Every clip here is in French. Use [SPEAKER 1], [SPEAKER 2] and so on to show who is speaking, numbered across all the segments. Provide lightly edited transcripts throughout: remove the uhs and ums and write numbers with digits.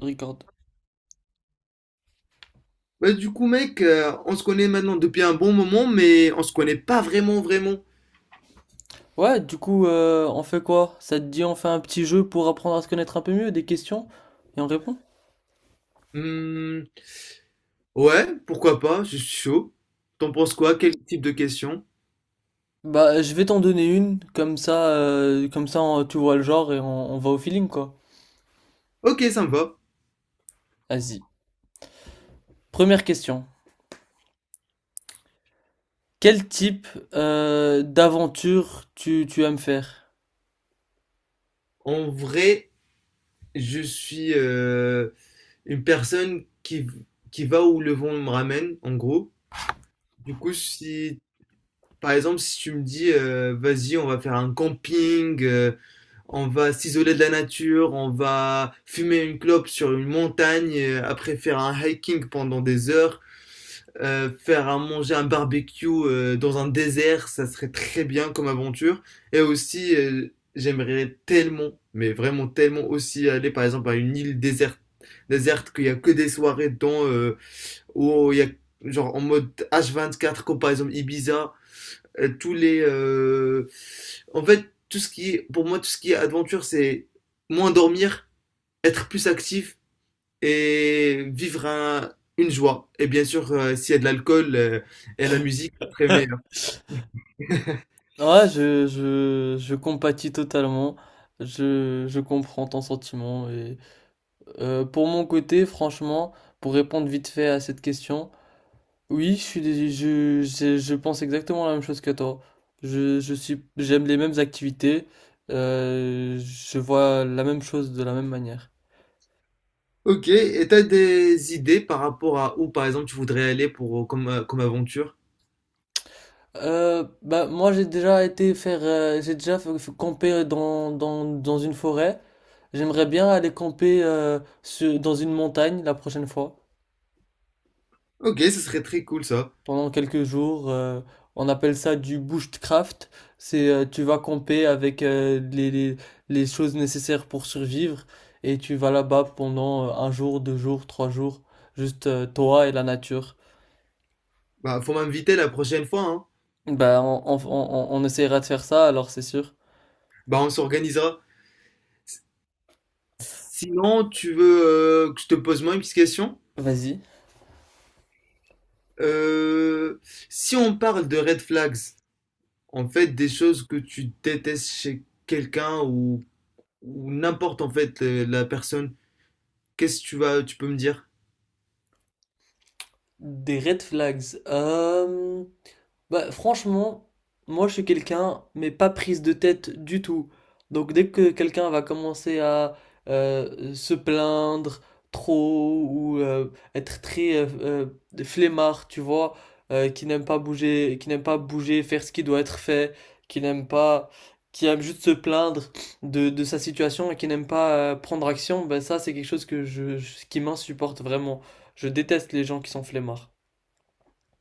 [SPEAKER 1] Record.
[SPEAKER 2] On se connaît maintenant depuis un bon moment, mais on se connaît pas vraiment.
[SPEAKER 1] Ouais, du coup, on fait quoi? Ça te dit, on fait un petit jeu pour apprendre à se connaître un peu mieux, des questions, et on répond?
[SPEAKER 2] Hmm, ouais, pourquoi pas, je suis chaud. T'en penses quoi? Quel type de question?
[SPEAKER 1] Bah, je vais t'en donner une, comme ça, tu vois le genre et on va au feeling, quoi.
[SPEAKER 2] Ok, ça me va.
[SPEAKER 1] Vas-y. Première question. Quel type d'aventure tu aimes faire?
[SPEAKER 2] En vrai, je suis une personne qui va où le vent me ramène, en gros. Du coup, si Par exemple, si tu me dis, vas-y, on va faire un camping, on va s'isoler de la nature, on va fumer une clope sur une montagne, après faire un hiking pendant des heures, faire un manger un barbecue dans un désert, ça serait très bien comme aventure. Et aussi, j'aimerais tellement, mais vraiment tellement aussi aller par exemple à une île déserte qu'il y a que des soirées dedans, où il y a genre en mode H24 comme par exemple Ibiza tous les. En fait, tout ce qui est, pour moi, tout ce qui est aventure, c'est moins dormir, être plus actif et une joie. Et bien sûr, s'il y a de l'alcool et la musique, c'est très meilleur.
[SPEAKER 1] Ouais, je compatis totalement. Je comprends ton sentiment. Et, pour mon côté, franchement, pour répondre vite fait à cette question, oui, je pense exactement la même chose que toi. Je suis, j'aime les mêmes activités. Je vois la même chose de la même manière.
[SPEAKER 2] Ok, et t'as des idées par rapport à où, par exemple, tu voudrais aller pour, comme, comme aventure?
[SPEAKER 1] Bah moi j'ai déjà été faire, j'ai déjà fait camper dans une forêt. J'aimerais bien aller camper dans une montagne la prochaine fois.
[SPEAKER 2] Ok, ce serait très cool ça.
[SPEAKER 1] Pendant quelques jours. On appelle ça du bushcraft. C'est tu vas camper avec les choses nécessaires pour survivre et tu vas là-bas pendant un jour, deux jours, trois jours, juste toi et la nature.
[SPEAKER 2] Bah, faut m'inviter la prochaine fois, hein.
[SPEAKER 1] Ben on essaiera de faire ça, alors c'est sûr.
[SPEAKER 2] Bah, on s'organisera. S- Sinon, tu veux que je te pose moi une petite question?
[SPEAKER 1] Vas-y.
[SPEAKER 2] Euh, Si on parle de red flags, en fait, des choses que tu détestes chez quelqu'un ou n'importe en fait la personne, qu'est-ce que tu vas, tu peux me dire?
[SPEAKER 1] Des red flags. Bah, franchement, moi je suis quelqu'un, mais pas prise de tête du tout. Donc dès que quelqu'un va commencer à se plaindre trop ou être très flemmard, tu vois, qui n'aime pas bouger, qui n'aime pas bouger, faire ce qui doit être fait, qui n'aime pas, qui aime juste se plaindre de sa situation et qui n'aime pas prendre action, ben ça c'est quelque chose que qui m'insupporte vraiment. Je déteste les gens qui sont flemmards.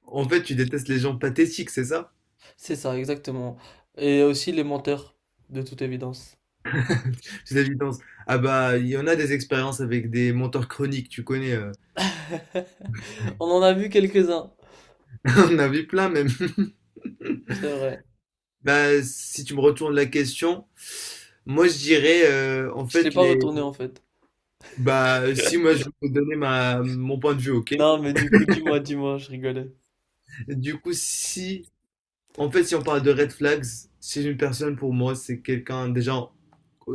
[SPEAKER 2] En fait, tu détestes les gens pathétiques, c'est ça?
[SPEAKER 1] C'est ça, exactement. Et aussi les menteurs, de toute évidence.
[SPEAKER 2] C'est l'évidence. Ah bah, il y en a des expériences avec des menteurs chroniques, tu connais.
[SPEAKER 1] On en a vu quelques-uns,
[SPEAKER 2] On en a vu plein même.
[SPEAKER 1] c'est vrai.
[SPEAKER 2] Bah, si tu me retournes la question, moi je dirais en
[SPEAKER 1] Je l'ai
[SPEAKER 2] fait
[SPEAKER 1] pas
[SPEAKER 2] les
[SPEAKER 1] retourné en fait.
[SPEAKER 2] bah si moi je peux donner ma mon point de vue, OK.
[SPEAKER 1] Non, mais du coup, dis-moi, dis-moi, je rigolais.
[SPEAKER 2] Du coup, si En fait, si on parle de red flags, si une personne pour moi, c'est quelqu'un déjà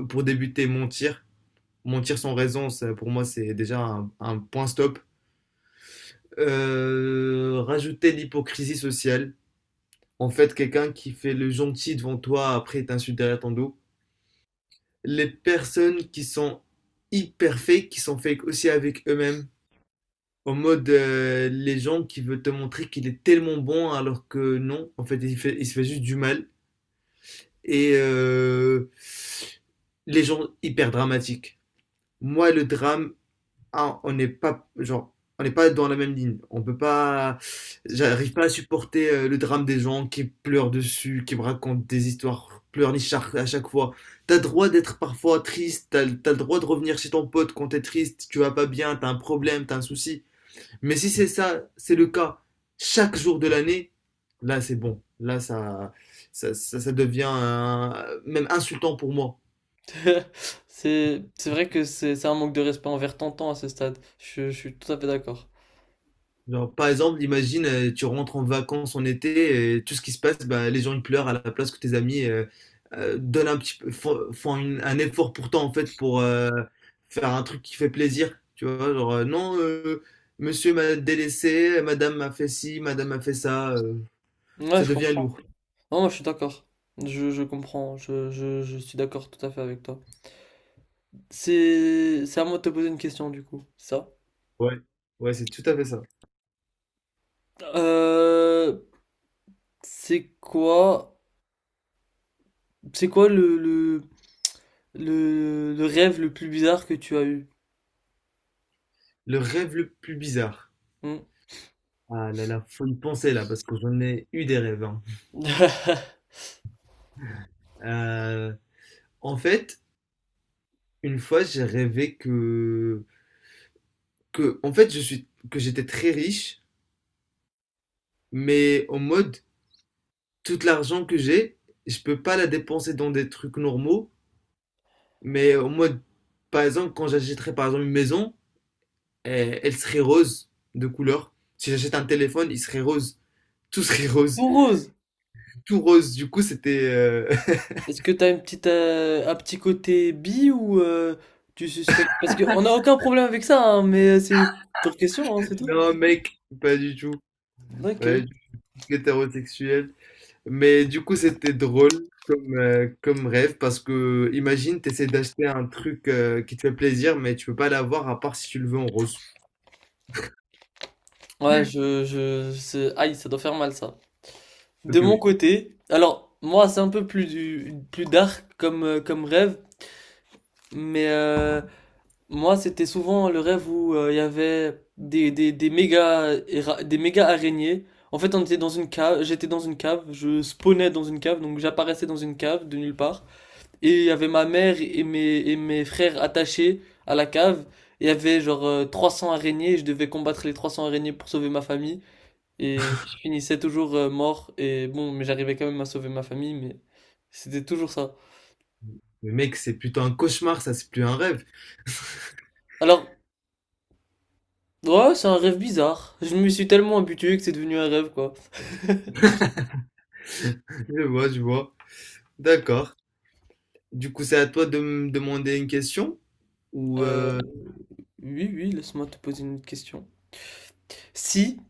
[SPEAKER 2] pour débuter mentir, mentir sans raison, ça, pour moi c'est déjà un point stop. Rajouter l'hypocrisie sociale. En fait, quelqu'un qui fait le gentil devant toi après il t'insulte derrière ton dos. Les personnes qui sont hyper fake, qui sont fake aussi avec eux-mêmes. En mode, les gens qui veulent te montrer qu'il est tellement bon alors que non, en fait, il se fait juste du mal. Et les gens hyper dramatiques. Moi, le drame, ah, on n'est pas, genre, on n'est pas dans la même ligne. On peut pas, j'arrive pas à supporter le drame des gens qui pleurent dessus, qui me racontent des histoires pleurnichards à chaque fois. T'as le droit d'être parfois triste, t'as le droit de revenir chez ton pote quand t'es triste, tu vas pas bien, t'as un problème, t'as un souci. Mais si c'est ça, c'est le cas chaque jour de l'année, là c'est bon. Là ça devient même insultant pour moi.
[SPEAKER 1] C'est vrai que c'est un manque de respect envers Tantan à ce stade. Je suis tout à fait d'accord.
[SPEAKER 2] Genre, par exemple, imagine, tu rentres en vacances en été et tout ce qui se passe, bah, les gens ils pleurent à la place que tes amis donnent un petit peu, font un effort pour toi en fait pour faire un truc qui fait plaisir. Tu vois, genre, non, monsieur m'a délaissé, madame m'a fait ci, madame m'a fait ça, ça
[SPEAKER 1] Ouais, je
[SPEAKER 2] devient lourd.
[SPEAKER 1] comprends. Non, moi, je suis d'accord. Je comprends. Je suis d'accord tout à fait avec toi. C'est à moi de te poser une question, du coup. Ça.
[SPEAKER 2] Ouais, ouais, c'est tout à fait ça.
[SPEAKER 1] Euh, c'est quoi, c'est quoi le rêve le plus bizarre que tu as eu.
[SPEAKER 2] Le rêve le plus bizarre.
[SPEAKER 1] Hmm.
[SPEAKER 2] Ah là là, faut y penser là, parce que j'en ai eu des rêves. Hein. Euh, En fait, une fois, j'ai rêvé en fait, que j'étais très riche, mais en mode, tout l'argent que j'ai, je peux pas la dépenser dans des trucs normaux, mais en mode, par exemple, quand j'achèterais par exemple une maison, eh, elle serait rose de couleur. Si j'achète un téléphone, il serait rose. Tout serait rose.
[SPEAKER 1] Pour Rose,
[SPEAKER 2] Tout rose. Du coup, c'était...
[SPEAKER 1] est-ce que t'as une petite, un petit côté bi ou tu suspectes? Parce qu'on n'a aucun problème avec ça, hein, mais c'est pour question, hein, c'est tout.
[SPEAKER 2] Non, mec, pas du tout.
[SPEAKER 1] Ok.
[SPEAKER 2] Ouais, du tout. Ce qui est hétérosexuel. Mais du coup, c'était drôle comme, comme rêve parce que imagine, tu essaies d'acheter un truc qui te fait plaisir, mais tu peux pas l'avoir à part si tu le veux en rose.
[SPEAKER 1] Ouais, c'est- aïe, ça doit faire mal ça.
[SPEAKER 2] Ok,
[SPEAKER 1] De mon
[SPEAKER 2] oui.
[SPEAKER 1] côté, alors moi c'est un peu plus plus dark comme, comme rêve, mais moi, c'était souvent le rêve où il y avait des des méga araignées. En fait, on était dans une cave, j'étais dans une cave, je spawnais dans une cave, donc j'apparaissais dans une cave de nulle part. Et il y avait ma mère et et mes frères attachés à la cave. Il y avait genre 300 araignées, et je devais combattre les 300 araignées pour sauver ma famille. Et je finissais toujours mort. Et bon, mais j'arrivais quand même à sauver ma famille, mais c'était toujours ça.
[SPEAKER 2] Mais mec, c'est plutôt un cauchemar, ça, c'est plus un rêve.
[SPEAKER 1] Alors, ouais, c'est un rêve bizarre. Je me suis tellement habitué que c'est devenu un rêve, quoi.
[SPEAKER 2] Je vois, je vois. D'accord. Du coup, c'est à toi de me demander une question ou
[SPEAKER 1] Euh, oui, oui, laisse-moi te poser une autre question. Si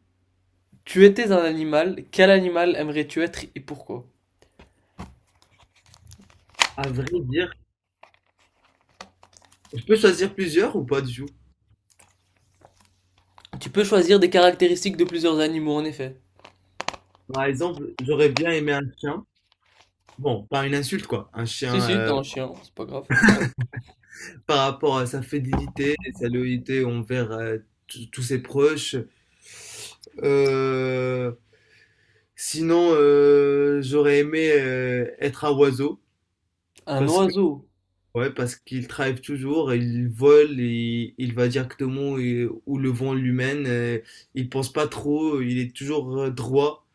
[SPEAKER 1] tu étais un animal, quel animal aimerais-tu être et pourquoi?
[SPEAKER 2] à vrai dire, je peux choisir plusieurs ou pas du tout?
[SPEAKER 1] Tu peux choisir des caractéristiques de plusieurs animaux, en effet.
[SPEAKER 2] Par exemple, j'aurais bien aimé un chien. Bon, pas une insulte quoi, un
[SPEAKER 1] Si,
[SPEAKER 2] chien
[SPEAKER 1] si, t'es un chien, c'est pas grave.
[SPEAKER 2] par rapport à sa fidélité et sa loyauté envers tous ses proches. Euh, Sinon, j'aurais aimé être un oiseau
[SPEAKER 1] Un
[SPEAKER 2] parce que
[SPEAKER 1] oiseau.
[SPEAKER 2] ouais, parce qu'il travaille toujours, il vole et il va directement où le vent lui mène. Il pense pas trop, il est toujours droit.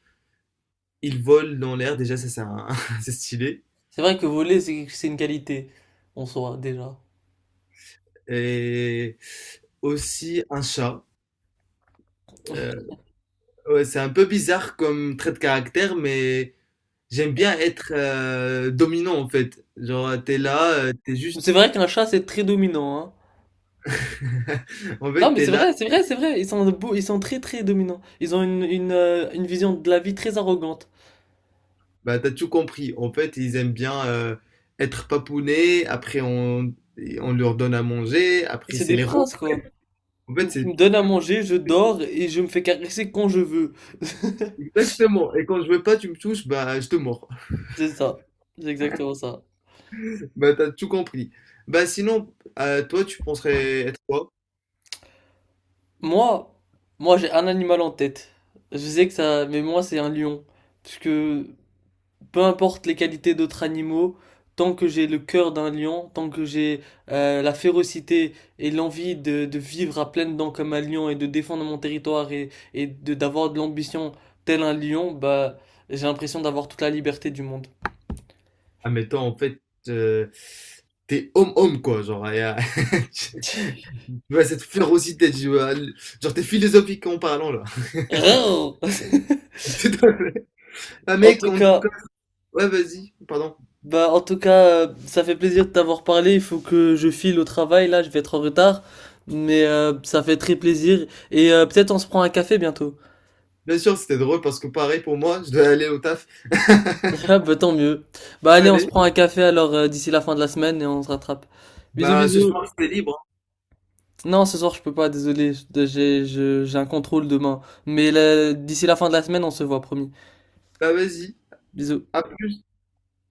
[SPEAKER 2] Il vole dans l'air. Déjà, ça c'est stylé.
[SPEAKER 1] C'est vrai que voler, c'est une qualité, en soi, déjà.
[SPEAKER 2] Et aussi un chat. Euh, ouais, c'est un peu bizarre comme trait de caractère, mais j'aime bien être dominant en fait. Genre, t'es là, t'es
[SPEAKER 1] Mais
[SPEAKER 2] juste
[SPEAKER 1] c'est vrai qu'un chat, c'est très dominant, hein.
[SPEAKER 2] En
[SPEAKER 1] Non,
[SPEAKER 2] fait,
[SPEAKER 1] mais
[SPEAKER 2] t'es
[SPEAKER 1] c'est
[SPEAKER 2] là,
[SPEAKER 1] vrai, c'est vrai, c'est vrai. Ils sont beaux, ils sont très, très dominants. Ils ont une vision de la vie très arrogante.
[SPEAKER 2] bah, t'as tout compris. En fait, ils aiment bien être papounés, on leur donne à manger, après
[SPEAKER 1] C'est
[SPEAKER 2] c'est
[SPEAKER 1] des
[SPEAKER 2] les rois.
[SPEAKER 1] princes, quoi.
[SPEAKER 2] En fait,
[SPEAKER 1] Tu
[SPEAKER 2] c'est
[SPEAKER 1] me donnes à manger, je dors et je me fais caresser quand je veux.
[SPEAKER 2] exactement. Et quand je veux pas, tu me touches, bah je te mords.
[SPEAKER 1] C'est ça, c'est exactement ça.
[SPEAKER 2] Bah t'as tout compris. Bah sinon, toi, tu penserais être quoi?
[SPEAKER 1] Moi, Moi j'ai un animal en tête. Je sais que ça, mais moi c'est un lion. Parce que peu importe les qualités d'autres animaux, tant que j'ai le cœur d'un lion, tant que j'ai la férocité et l'envie de vivre à pleines dents comme un lion et de défendre mon territoire et de d'avoir de l'ambition tel un lion, bah j'ai l'impression d'avoir toute la liberté du monde.
[SPEAKER 2] Ah mais admettons, en fait, euh, t'es homme-homme, quoi. Genre, et, tu vois, cette férocité, tu vois, genre, t'es philosophique en parlant, là. Tout à fait. Ah
[SPEAKER 1] En
[SPEAKER 2] mec,
[SPEAKER 1] tout
[SPEAKER 2] en tout
[SPEAKER 1] cas.
[SPEAKER 2] cas, ouais, vas-y, pardon.
[SPEAKER 1] Bah, en tout cas, ça fait plaisir de t'avoir parlé. Il faut que je file au travail, là, je vais être en retard. Mais ça fait très plaisir. Et peut-être on se prend un café bientôt.
[SPEAKER 2] Bien sûr, c'était drôle parce que pareil pour moi, je dois aller au taf.
[SPEAKER 1] Ah, bah, tant mieux. Bah, allez, on se
[SPEAKER 2] Allez,
[SPEAKER 1] prend un café alors d'ici la fin de la semaine et on se rattrape. Bisous,
[SPEAKER 2] bah ce
[SPEAKER 1] bisous.
[SPEAKER 2] soir, c'est libre. Hein.
[SPEAKER 1] Non, ce soir, je peux pas, désolé. J'ai un contrôle demain. Mais là, d'ici la fin de la semaine, on se voit, promis.
[SPEAKER 2] Bah vas-y,
[SPEAKER 1] Bisous.
[SPEAKER 2] à plus.